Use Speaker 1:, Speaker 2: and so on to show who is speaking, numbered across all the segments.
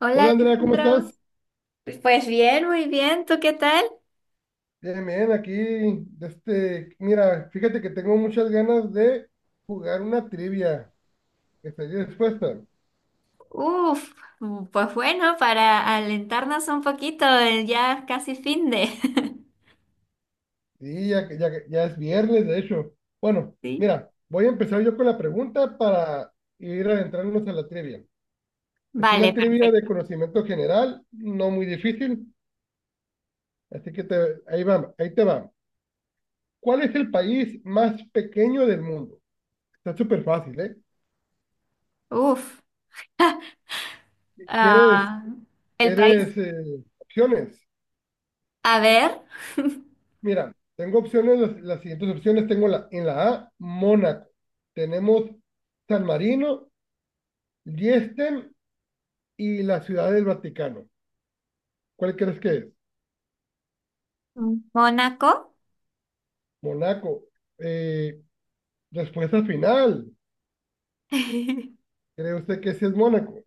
Speaker 1: Hola
Speaker 2: Hola Andrea, ¿cómo
Speaker 1: Alejandro,
Speaker 2: estás?
Speaker 1: pues bien, muy bien, ¿tú qué tal?
Speaker 2: Bien, bien, aquí, mira, fíjate que tengo muchas ganas de jugar una trivia. ¿Estás dispuesta?
Speaker 1: Uf, pues bueno, para alentarnos un poquito, ya casi fin de...
Speaker 2: Sí, ya, ya es viernes, de hecho. Bueno,
Speaker 1: Sí.
Speaker 2: mira, voy a empezar yo con la pregunta para ir adentrándonos a la trivia. Es
Speaker 1: Vale,
Speaker 2: una trivia de
Speaker 1: perfecto.
Speaker 2: conocimiento general, no muy difícil, así que ahí te va. ¿Cuál es el país más pequeño del mundo? Está súper fácil, ¿eh?
Speaker 1: Uf,
Speaker 2: ¿Quieres,
Speaker 1: ah, el país.
Speaker 2: quieres opciones?
Speaker 1: A ver,
Speaker 2: Mira, tengo opciones, las siguientes opciones tengo en la A, Mónaco. Tenemos San Marino, Liechtenstein y la Ciudad del Vaticano. ¿Cuál crees que es?
Speaker 1: Mónaco.
Speaker 2: Mónaco. Eh, respuesta final. ¿Cree usted que sí es Mónaco?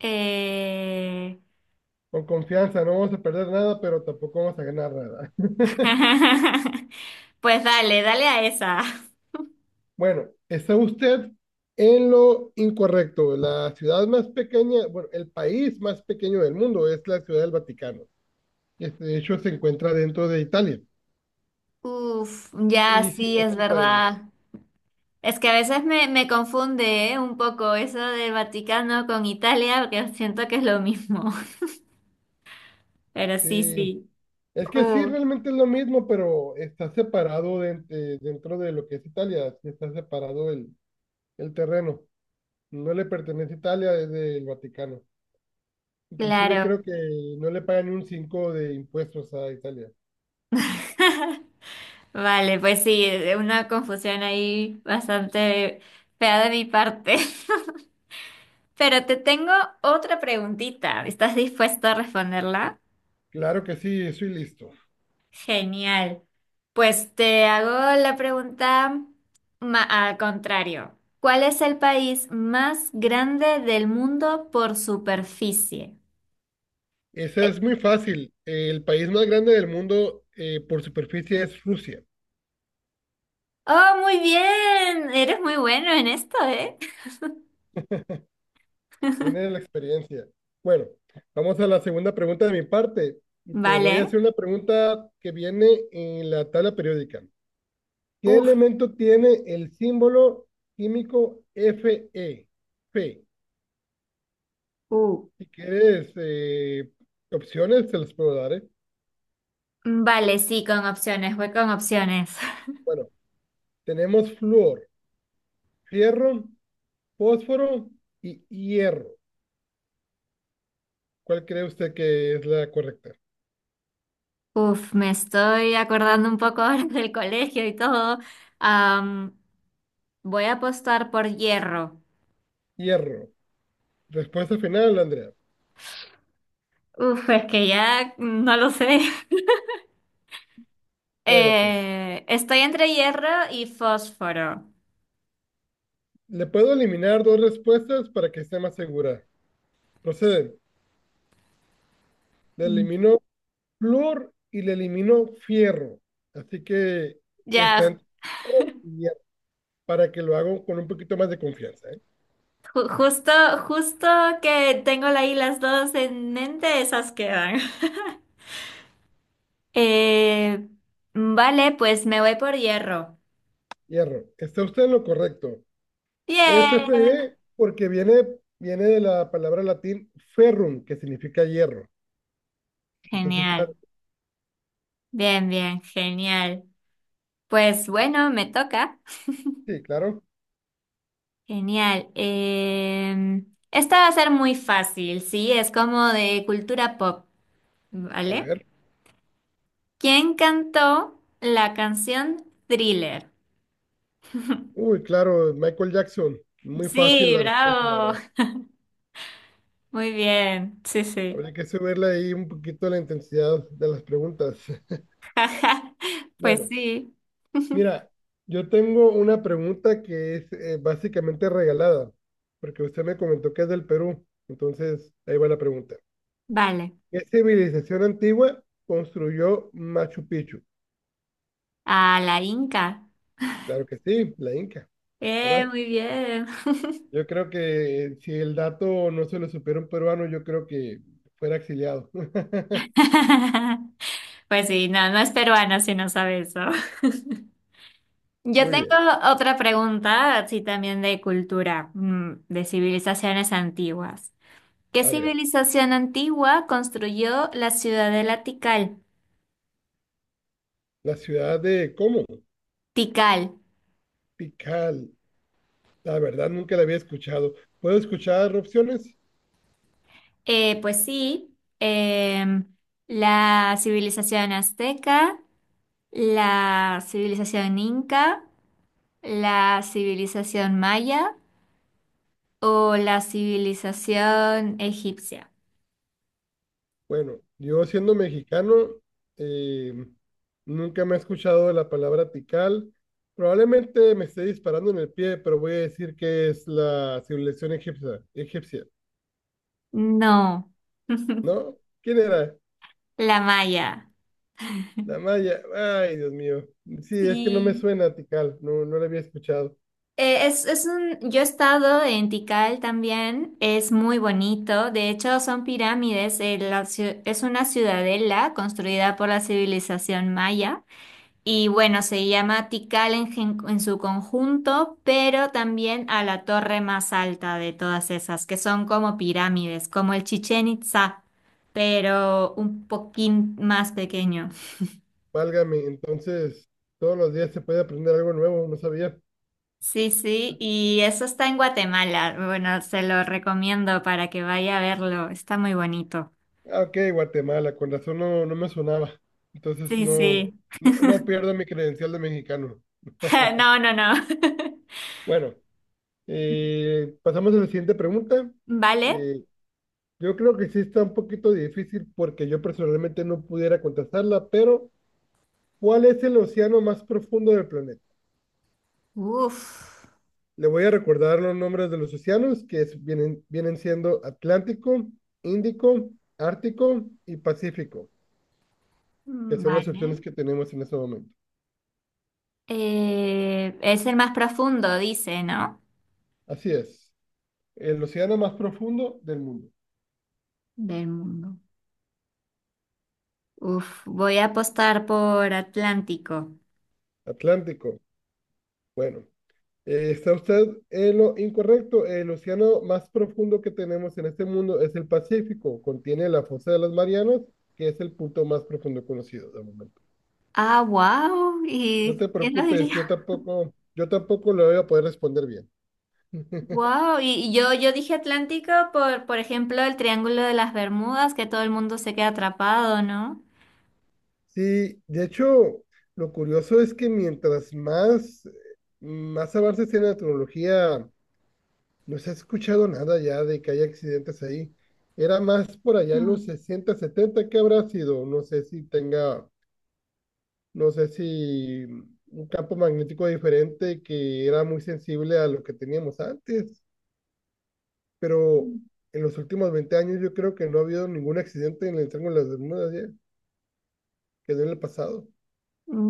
Speaker 1: Eh,
Speaker 2: Con confianza, no vamos a perder nada, pero tampoco vamos a ganar nada.
Speaker 1: Pues dale, dale a esa.
Speaker 2: Bueno, está usted en lo incorrecto. La ciudad más pequeña, bueno, el país más pequeño del mundo es la Ciudad del Vaticano. Este, de hecho, se encuentra dentro de Italia.
Speaker 1: Uf, ya
Speaker 2: Y sí,
Speaker 1: sí,
Speaker 2: es
Speaker 1: es
Speaker 2: un país.
Speaker 1: verdad. Es que a veces me confunde, ¿eh? Un poco eso del Vaticano con Italia, porque siento que es lo mismo. Pero sí,
Speaker 2: Sí.
Speaker 1: sí.
Speaker 2: Es que sí,
Speaker 1: Uh,
Speaker 2: realmente es lo mismo, pero está separado dentro de lo que es Italia. Sí está separado el terreno. No le pertenece a Italia, es del Vaticano. Inclusive
Speaker 1: claro.
Speaker 2: creo que no le pagan ni un 5 de impuestos a Italia.
Speaker 1: Vale, pues sí, una confusión ahí bastante fea de mi parte. Pero te tengo otra preguntita. ¿Estás dispuesto a responderla?
Speaker 2: Claro que sí, eso y listo.
Speaker 1: Genial. Pues te hago la pregunta al contrario. ¿Cuál es el país más grande del mundo por superficie?
Speaker 2: Esa
Speaker 1: Eh,
Speaker 2: es muy fácil. El país más grande del mundo por superficie es Rusia.
Speaker 1: oh, muy bien. Eres muy bueno en esto, ¿eh?
Speaker 2: Viene de la experiencia. Bueno, vamos a la segunda pregunta de mi parte. Y te voy a
Speaker 1: Vale.
Speaker 2: hacer una pregunta que viene en la tabla periódica. ¿Qué
Speaker 1: Uf,
Speaker 2: elemento tiene el símbolo químico Fe? Fe.
Speaker 1: uh.
Speaker 2: Si quieres opciones, te las puedo dar, ¿eh?
Speaker 1: Vale, sí, con opciones. Voy con opciones.
Speaker 2: Bueno, tenemos flúor, fierro, fósforo y hierro. ¿Cuál cree usted que es la correcta?
Speaker 1: Uf, me estoy acordando un poco ahora del colegio y todo. Am, voy a apostar por hierro.
Speaker 2: Hierro. Respuesta final, Andrea.
Speaker 1: Uf, es que ya no lo sé.
Speaker 2: Bueno, pues
Speaker 1: Estoy entre hierro y fósforo.
Speaker 2: le puedo eliminar dos respuestas para que esté más segura. Procede. Le
Speaker 1: Mm.
Speaker 2: elimino flúor y le elimino fierro. Así que está
Speaker 1: Ya,
Speaker 2: entre fierro y hierro, para que lo haga con un poquito más de confianza, ¿eh?
Speaker 1: ju- justo, justo que tengo ahí las dos en mente, esas quedan. Eh, vale, pues me voy por hierro.
Speaker 2: Hierro. Está usted en lo correcto. Es
Speaker 1: Bien.
Speaker 2: Fe porque viene de la palabra latín ferrum, que significa hierro. Entonces está,
Speaker 1: Genial. Bien, bien, genial. Pues bueno, me toca.
Speaker 2: sí, claro.
Speaker 1: Genial. Esta va a ser muy fácil, sí, es como de cultura pop,
Speaker 2: A
Speaker 1: ¿vale?
Speaker 2: ver.
Speaker 1: ¿Quién cantó la canción Thriller?
Speaker 2: Uy, claro, Michael Jackson. Muy fácil
Speaker 1: Sí,
Speaker 2: la respuesta, la
Speaker 1: bravo.
Speaker 2: verdad.
Speaker 1: Muy bien. Sí, sí.
Speaker 2: Habrá que subirle ahí un poquito la intensidad de las preguntas.
Speaker 1: Pues
Speaker 2: Bueno,
Speaker 1: sí.
Speaker 2: mira, yo tengo una pregunta que es básicamente regalada, porque usted me comentó que es del Perú, entonces ahí va la pregunta.
Speaker 1: Vale.
Speaker 2: ¿Qué civilización antigua construyó Machu Picchu?
Speaker 1: A la Inca.
Speaker 2: Claro que sí, la Inca, ¿verdad?
Speaker 1: Muy bien.
Speaker 2: Yo creo que si el dato no se lo supiera un peruano, yo creo que fuera exiliado.
Speaker 1: Pues sí, no, no es peruana si no sabe eso. Yo
Speaker 2: Muy
Speaker 1: tengo
Speaker 2: bien,
Speaker 1: otra pregunta, así también de cultura, de civilizaciones antiguas. ¿Qué
Speaker 2: a ver,
Speaker 1: civilización antigua construyó la ciudadela Tikal?
Speaker 2: la ciudad de ¿cómo?
Speaker 1: Tikal.
Speaker 2: Tikal. La verdad, nunca la había escuchado. ¿Puedo escuchar opciones?
Speaker 1: Pues sí, la civilización azteca, ¿la civilización inca, la civilización maya o la civilización egipcia?
Speaker 2: Bueno, yo siendo mexicano, eh, nunca me he escuchado la palabra tical. Probablemente me esté disparando en el pie, pero voy a decir que es la civilización egipcia. Egipcia.
Speaker 1: No,
Speaker 2: ¿No? ¿Quién era?
Speaker 1: la maya.
Speaker 2: La maya. Ay, Dios mío. Sí, es que no me
Speaker 1: Sí.
Speaker 2: suena tical. No, no la había escuchado.
Speaker 1: Yo he estado en Tikal también, es muy bonito, de hecho son pirámides, es una ciudadela construida por la civilización maya. Y bueno, se llama Tikal en, en su conjunto, pero también a la torre más alta de todas esas, que son como pirámides, como el Chichén Itzá, pero un poquín más pequeño.
Speaker 2: Válgame. Entonces, todos los días se puede aprender algo nuevo. No sabía.
Speaker 1: Sí, sí, y eso está en Guatemala. Bueno, se lo recomiendo para que vaya a verlo. Está muy bonito.
Speaker 2: Ah, ok, Guatemala, con razón no, no me sonaba. Entonces
Speaker 1: Sí,
Speaker 2: no,
Speaker 1: sí.
Speaker 2: no, no pierdo mi credencial de mexicano.
Speaker 1: No, no, no.
Speaker 2: Bueno, pasamos a la siguiente pregunta.
Speaker 1: ¿Vale?
Speaker 2: Eh, yo creo que sí está un poquito difícil porque yo personalmente no pudiera contestarla, pero ¿cuál es el océano más profundo del planeta?
Speaker 1: Uf.
Speaker 2: Le voy a recordar los nombres de los océanos, que vienen siendo Atlántico, Índico, Ártico y Pacífico, que son las opciones
Speaker 1: Vale.
Speaker 2: que tenemos en este momento.
Speaker 1: Es el más profundo, dice, ¿no?
Speaker 2: Así es. El océano más profundo del mundo.
Speaker 1: Del mundo. Uf, voy a apostar por Atlántico.
Speaker 2: Atlántico. Bueno, está usted en lo incorrecto. El océano más profundo que tenemos en este mundo es el Pacífico. Contiene la fosa de las Marianas, que es el punto más profundo conocido de momento.
Speaker 1: Ah, wow.
Speaker 2: No
Speaker 1: ¿Y
Speaker 2: te
Speaker 1: quién lo
Speaker 2: preocupes,
Speaker 1: diría?
Speaker 2: yo tampoco lo voy a poder responder bien.
Speaker 1: Wow. Yo dije Atlántico por ejemplo, el Triángulo de las Bermudas, que todo el mundo se queda atrapado, ¿no?
Speaker 2: Sí, de hecho, lo curioso es que mientras más avances en la tecnología no se ha escuchado nada ya de que haya accidentes ahí. Era más por allá en los
Speaker 1: Mm.
Speaker 2: 60, 70 que habrá sido. No sé si un campo magnético diferente que era muy sensible a lo que teníamos antes. Pero en los últimos 20 años yo creo que no ha habido ningún accidente en el Triángulo de las Bermudas ya, que no en el pasado.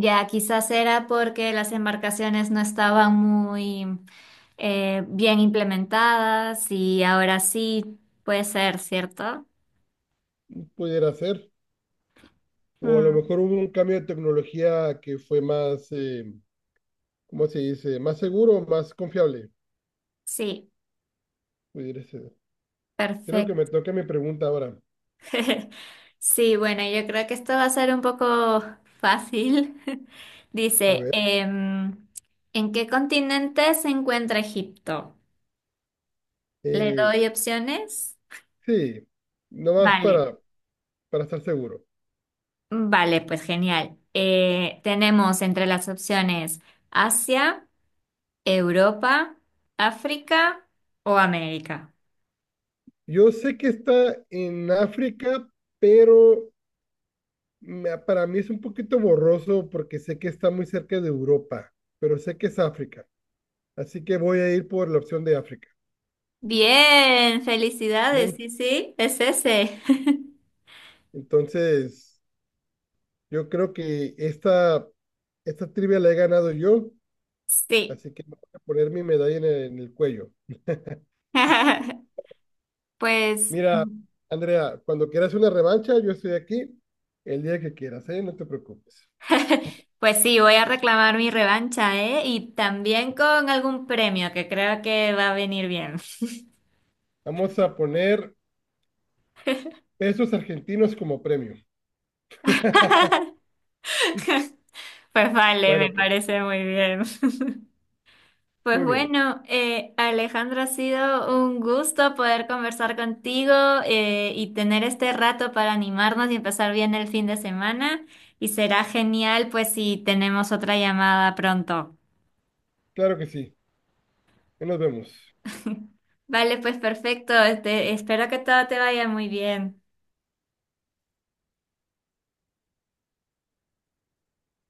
Speaker 1: Ya, quizás era porque las embarcaciones no estaban muy bien implementadas y ahora sí puede ser, ¿cierto?
Speaker 2: Pudiera ser. O a lo
Speaker 1: Mm,
Speaker 2: mejor hubo un cambio de tecnología que fue más, ¿cómo se dice? Más seguro, más confiable.
Speaker 1: Sí,
Speaker 2: Pudiera ser. Creo que me
Speaker 1: perfecto.
Speaker 2: toca mi pregunta ahora.
Speaker 1: Sí, bueno, yo creo que esto va a ser un poco fácil.
Speaker 2: A
Speaker 1: Dice,
Speaker 2: ver,
Speaker 1: ¿en qué continente se encuentra Egipto? ¿Le
Speaker 2: eh,
Speaker 1: doy opciones?
Speaker 2: sí, nomás
Speaker 1: Vale,
Speaker 2: para estar seguro.
Speaker 1: vale, pues genial. Tenemos entre las opciones Asia, Europa, África o América.
Speaker 2: Yo sé que está en África, pero para mí es un poquito borroso porque sé que está muy cerca de Europa, pero sé que es África. Así que voy a ir por la opción de África.
Speaker 1: Bien, felicidades,
Speaker 2: Bien,
Speaker 1: sí, sí, es ese.
Speaker 2: entonces yo creo que esta trivia la he ganado yo,
Speaker 1: Sí.
Speaker 2: así que me voy a poner mi medalla en el cuello.
Speaker 1: Pues
Speaker 2: Mira, Andrea, cuando quieras una revancha, yo estoy aquí el día que quieras, ¿eh? No te preocupes.
Speaker 1: Pues sí, voy a reclamar mi revancha, ¿eh? Y también con algún premio que creo que va a venir bien.
Speaker 2: Vamos a poner pesos argentinos como premio.
Speaker 1: Pues vale, me
Speaker 2: Bueno, pues,
Speaker 1: parece muy bien. Pues
Speaker 2: muy bien.
Speaker 1: bueno, Alejandro, ha sido un gusto poder conversar contigo y tener este rato para animarnos y empezar bien el fin de semana. Y será genial, pues, si tenemos otra llamada pronto.
Speaker 2: Claro que sí. Ahí nos vemos.
Speaker 1: Vale, pues perfecto. Este, espero que todo te vaya muy bien.